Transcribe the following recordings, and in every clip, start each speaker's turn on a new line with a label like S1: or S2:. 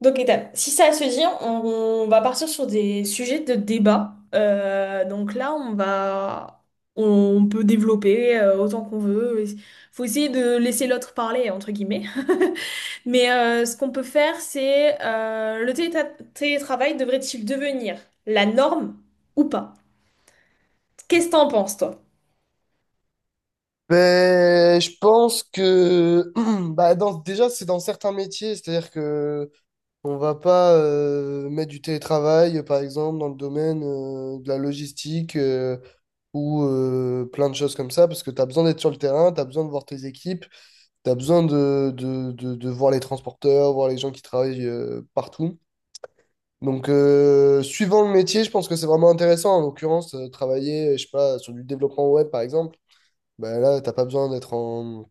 S1: Donc, étape. Si ça se dit, on va partir sur des sujets de débat. Donc là, on, va, on peut développer autant qu'on veut. Faut essayer de laisser l'autre parler, entre guillemets. Mais ce qu'on peut faire, c'est le télétravail devrait-il devenir la norme ou pas? Qu'est-ce que t'en penses, toi?
S2: Ben, je pense que déjà c'est dans certains métiers, c'est-à-dire que on va pas mettre du télétravail, par exemple, dans le domaine de la logistique, ou plein de choses comme ça, parce que tu as besoin d'être sur le terrain, tu as besoin de voir tes équipes, tu as besoin de voir les transporteurs, voir les gens qui travaillent partout. Donc, suivant le métier, je pense que c'est vraiment intéressant. En l'occurrence, travailler, je sais pas, sur du développement web, par exemple, ben là, t'as pas besoin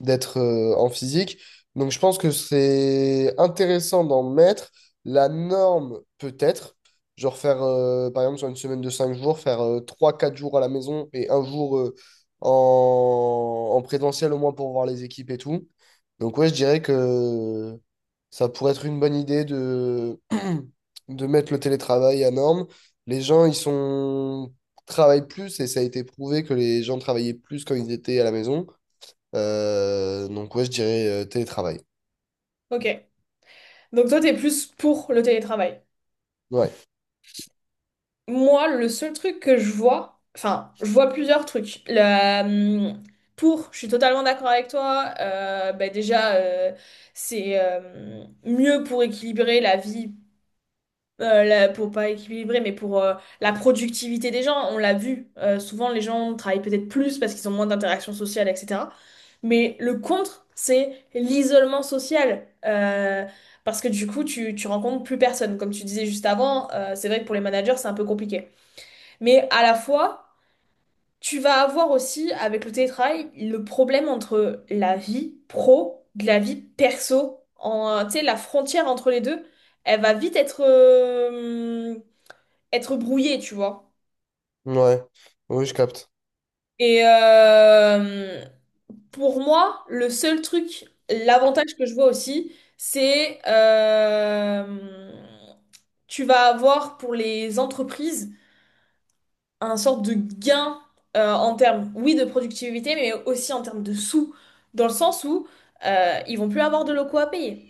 S2: d'être en physique. Donc je pense que c'est intéressant d'en mettre. La norme peut-être, genre faire par exemple sur une semaine de 5 jours, faire trois quatre jours à la maison et un jour, en présentiel au moins pour voir les équipes et tout. Donc ouais, je dirais que ça pourrait être une bonne idée de de mettre le télétravail à norme. Les gens, ils sont travaillent plus et ça a été prouvé que les gens travaillaient plus quand ils étaient à la maison. Donc ouais, je dirais télétravail.
S1: Ok. Donc toi, t'es plus pour le télétravail.
S2: Ouais,
S1: Moi, le seul truc que je vois, enfin, je vois plusieurs trucs. Pour, je suis totalement d'accord avec toi. Bah déjà, c'est mieux pour équilibrer la vie, la- pour pas équilibrer, mais pour la productivité des gens. On l'a vu. Souvent, les gens travaillent peut-être plus parce qu'ils ont moins d'interactions sociales, etc. Mais le contre, c'est l'isolement social. Parce que du coup, tu rencontres plus personne. Comme tu disais juste avant, c'est vrai que pour les managers, c'est un peu compliqué. Mais à la fois, tu vas avoir aussi, avec le télétravail, le problème entre la vie pro de la vie perso. En, tu sais, la frontière entre les deux, elle va vite être, être brouillée, tu vois.
S2: ouais, oui, je capte.
S1: Et pour moi, le seul truc, l'avantage que je vois aussi, c'est tu vas avoir pour les entreprises un sorte de gain en termes, oui, de productivité, mais aussi en termes de sous, dans le sens où ils vont plus avoir de locaux à payer,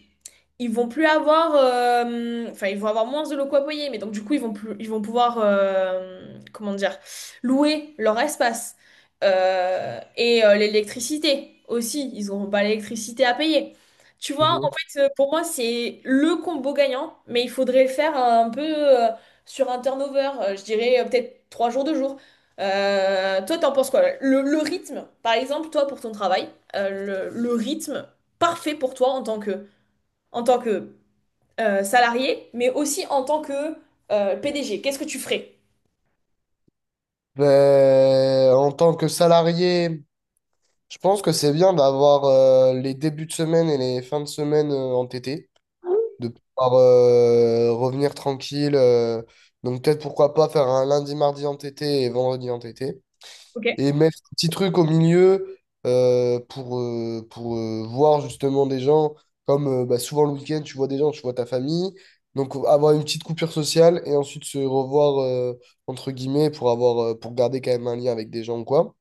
S1: ils vont plus avoir, enfin ils vont avoir moins de locaux à payer, mais donc du coup ils vont plus, ils vont pouvoir, comment dire, louer leur espace. Et l'électricité aussi, ils n'auront pas l'électricité à payer. Tu vois, en
S2: Mhm.
S1: fait pour moi c'est le combo gagnant, mais il faudrait le faire un peu sur un turnover, je dirais peut-être trois jours, deux jours. Toi t'en penses quoi? Le rythme, par exemple toi pour ton travail, le rythme parfait pour toi en tant que salarié, mais aussi en tant que PDG. Qu'est-ce que tu ferais?
S2: Ben, en tant que salarié, je pense que c'est bien d'avoir les débuts de semaine et les fins de semaine entêtés, de pouvoir revenir tranquille. Donc peut-être pourquoi pas faire un lundi, mardi entêté et vendredi entêté.
S1: Ok.
S2: Et mettre un petit truc au milieu pour voir justement des gens, comme bah, souvent le week-end, tu vois des gens, tu vois ta famille. Donc avoir une petite coupure sociale et ensuite se revoir, entre guillemets, pour avoir pour garder quand même un lien avec des gens ou quoi.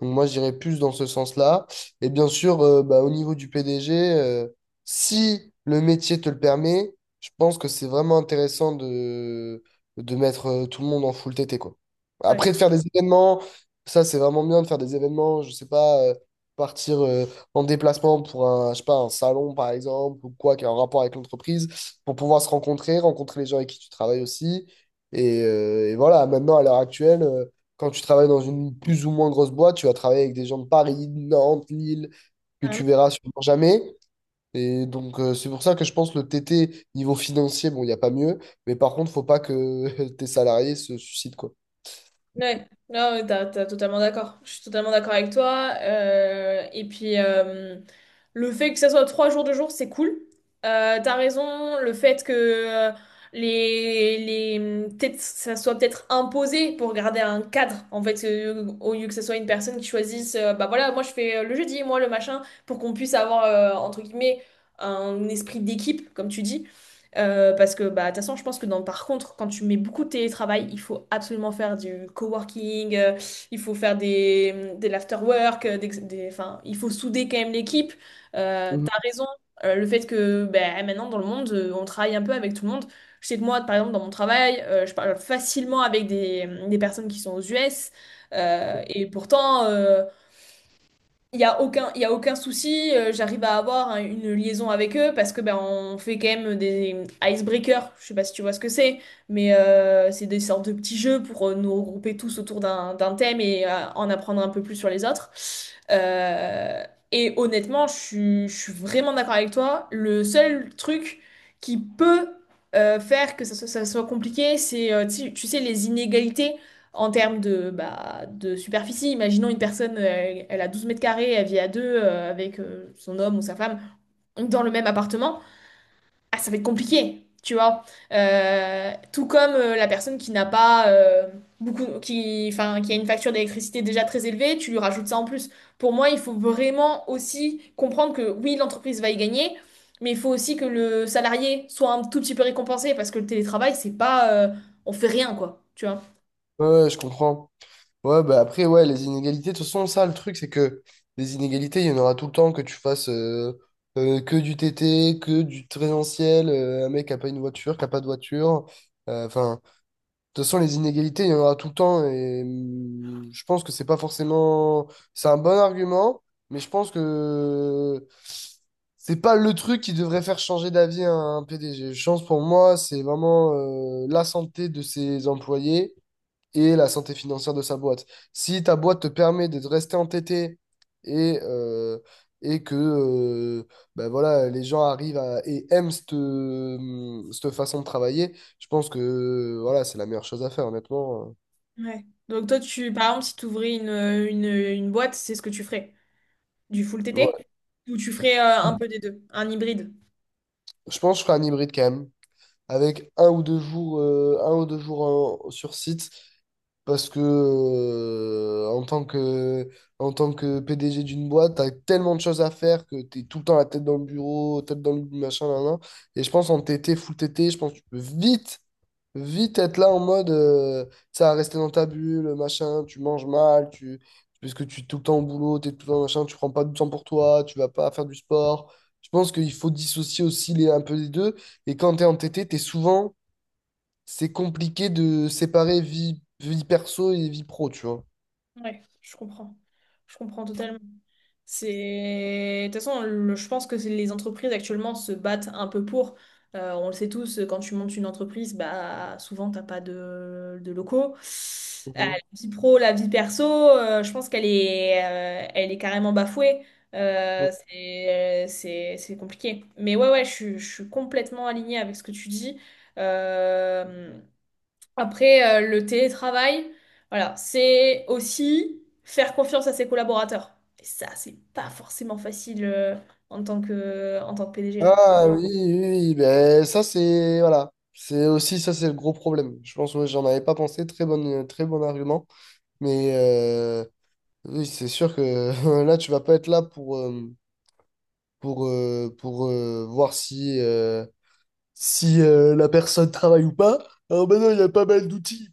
S2: Donc moi, j'irais plus dans ce sens-là. Et bien sûr, bah, au niveau du PDG, si le métier te le permet, je pense que c'est vraiment intéressant de mettre tout le monde en full TT, quoi.
S1: Ouais,
S2: Après, de faire des événements, ça, c'est vraiment bien de faire des événements, je sais pas, partir en déplacement pour un, je sais pas, un salon, par exemple, ou quoi, qui a un rapport avec l'entreprise, pour pouvoir se rencontrer, rencontrer les gens avec qui tu travailles aussi. Et voilà, maintenant, à l'heure actuelle, quand tu travailles dans une plus ou moins grosse boîte, tu vas travailler avec des gens de Paris, de Nantes, Lille, que
S1: carrément.
S2: tu verras sûrement jamais. Et donc, c'est pour ça que je pense le TT, niveau financier, bon, il n'y a pas mieux. Mais par contre, faut pas que tes salariés se suicident, quoi.
S1: Ouais, non, mais t'as totalement d'accord. Je suis totalement d'accord avec toi. Et puis, le fait que ça soit trois jours de jour, c'est cool. T'as raison, le fait que les, les, peut-être, ça soit peut-être imposé pour garder un cadre, en fait, au lieu que ce soit une personne qui choisisse, bah voilà, moi je fais le jeudi, moi le machin, pour qu'on puisse avoir, entre guillemets, un esprit d'équipe, comme tu dis. Parce que bah, de toute façon, je pense que dans, par contre, quand tu mets beaucoup de télétravail, il faut absolument faire du coworking, il faut faire des l'afterwork, enfin, il faut souder quand même l'équipe.
S2: Mhm.
S1: T'as raison, le fait que bah, maintenant dans le monde, on travaille un peu avec tout le monde. Je sais que moi, par exemple, dans mon travail, je parle facilement avec des personnes qui sont aux US, et pourtant, il y a aucun souci, j'arrive à avoir hein, une liaison avec eux parce que ben, on fait quand même des icebreakers, je sais pas si tu vois ce que c'est, mais c'est des sortes de petits jeux pour nous regrouper tous autour d'un thème et en apprendre un peu plus sur les autres. Euh, et honnêtement, je suis vraiment d'accord avec toi. Le seul truc qui peut faire que ça soit compliqué, c'est, tu sais, les inégalités en termes de, bah, de superficie, imaginons une personne, elle a 12 mètres carrés, elle vit à deux avec son homme ou sa femme dans le même appartement, ah, ça va être compliqué, tu vois. Tout comme la personne qui n'a pas enfin, qui a une facture d'électricité déjà très élevée, tu lui rajoutes ça en plus. Pour moi, il faut vraiment aussi comprendre que oui, l'entreprise va y gagner, mais il faut aussi que le salarié soit un tout petit peu récompensé parce que le télétravail, c'est pas, on fait rien, quoi, tu vois.
S2: Ouais, ouais, je comprends. Ouais, bah après, ouais, les inégalités, de toute façon, ça, le truc, c'est que les inégalités, il y en aura tout le temps, que tu fasses que du TT, que du présentiel, un mec qui a pas une voiture, qui a pas de voiture. Enfin, toute façon, les inégalités, il y en aura tout le temps et je pense que c'est pas forcément. C'est un bon argument, mais je pense que c'est pas le truc qui devrait faire changer d'avis un PDG. Je pense, pour moi, c'est vraiment la santé de ses employés et la santé financière de sa boîte. Si ta boîte te permet de rester entêté et, que ben voilà, les gens arrivent à, et aiment cette, cette façon de travailler, je pense que voilà, c'est la meilleure chose à faire, honnêtement.
S1: Ouais. Donc toi, par exemple, si tu ouvrais une boîte, c'est ce que tu ferais? Du full T T,
S2: Ouais.
S1: ou tu ferais un peu des deux, un hybride?
S2: Je pense que je ferai un hybride quand même, avec un ou deux jours, un ou deux jours sur site, parce que en tant que PDG d'une boîte, t'as tellement de choses à faire que t'es tout le temps la tête dans le bureau, tête dans le machin, là, là. Et je pense en full TT, je pense que tu peux vite être là en mode, tu sais, à rester dans ta bulle, machin, tu manges mal, parce que tu es tout le temps au boulot, tu es tout le temps machin, tu prends pas du temps pour toi, tu vas pas faire du sport. Je pense qu'il faut dissocier aussi un peu les deux. Et quand tu es en TT, tu es souvent, c'est compliqué de séparer vie perso et vie pro, tu vois.
S1: Ouais, je comprends. Je comprends totalement. C'est… De toute façon, le- je pense que c'est- les entreprises actuellement se battent un peu pour. On le sait tous, quand tu montes une entreprise, bah, souvent, t'as pas de locaux. La
S2: Mhm.
S1: vie pro, la vie perso, je pense qu'elle est, elle est carrément bafouée.
S2: Mhm.
S1: C'est compliqué. Mais ouais, ouais, je suis complètement alignée avec ce que tu dis. Euh, Après, le télétravail, voilà, c'est aussi faire confiance à ses collaborateurs. Et ça, c'est pas forcément facile en tant que PDG, quoi.
S2: Ah oui, oui, oui, ben ça c'est voilà, c'est aussi ça, c'est le gros problème. Je pense que j'en avais pas pensé, très bon argument, mais oui, c'est sûr que là tu vas pas être là pour voir si la personne travaille ou pas. Alors maintenant il y a pas mal d'outils,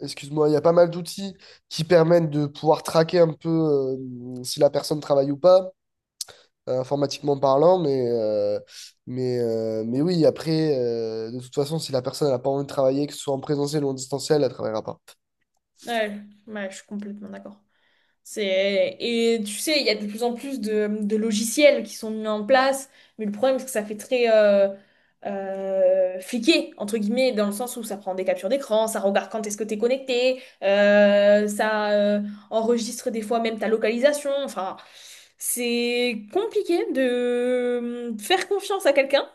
S2: excuse-moi, il y a pas mal d'outils qui permettent de pouvoir traquer un peu, si la personne travaille ou pas, informatiquement parlant, mais oui, après, de toute façon, si la personne n'a pas envie de travailler, que ce soit en présentiel ou en distanciel, elle ne travaillera pas.
S1: Ouais, ouais, je suis complètement d'accord. C'est… Et tu sais, il y a de plus en plus de logiciels qui sont mis en place, mais le problème, c'est que ça fait très fliqué, entre guillemets, dans le sens où ça prend des captures d'écran, ça regarde quand est-ce que t'es connecté, ça enregistre des fois même ta localisation. Enfin, c'est compliqué de faire confiance à quelqu'un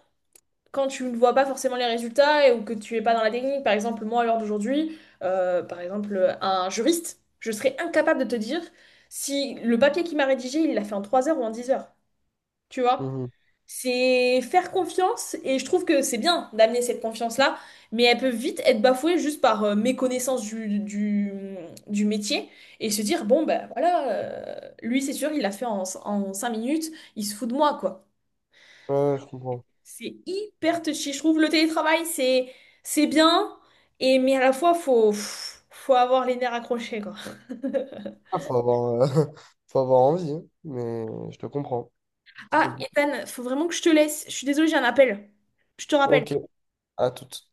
S1: quand tu ne vois pas forcément les résultats et, ou que tu es pas dans la technique. Par exemple, moi, à l'heure d'aujourd'hui, par exemple, un juriste, je serais incapable de te dire si le papier qu'il m'a rédigé, il l'a fait en 3 heures ou en 10 heures. Tu vois?
S2: Mhm.
S1: C'est faire confiance et je trouve que c'est bien d'amener cette confiance-là, mais elle peut vite être bafouée juste par méconnaissance du métier et se dire, bon, ben voilà, lui c'est sûr, il l'a fait en 5 minutes, il se fout de moi, quoi.
S2: Ouais, je comprends.
S1: C'est hyper touchy. Je trouve le télétravail, c'est bien, et mais à la fois, faut avoir les nerfs accrochés, quoi.
S2: Ah, faut avoir, faut avoir envie, hein, mais je te comprends. C'est
S1: Ah,
S2: compliqué.
S1: Ethan, faut vraiment que je te laisse. Je suis désolée, j'ai un appel. Je te rappelle.
S2: Ok, à toute.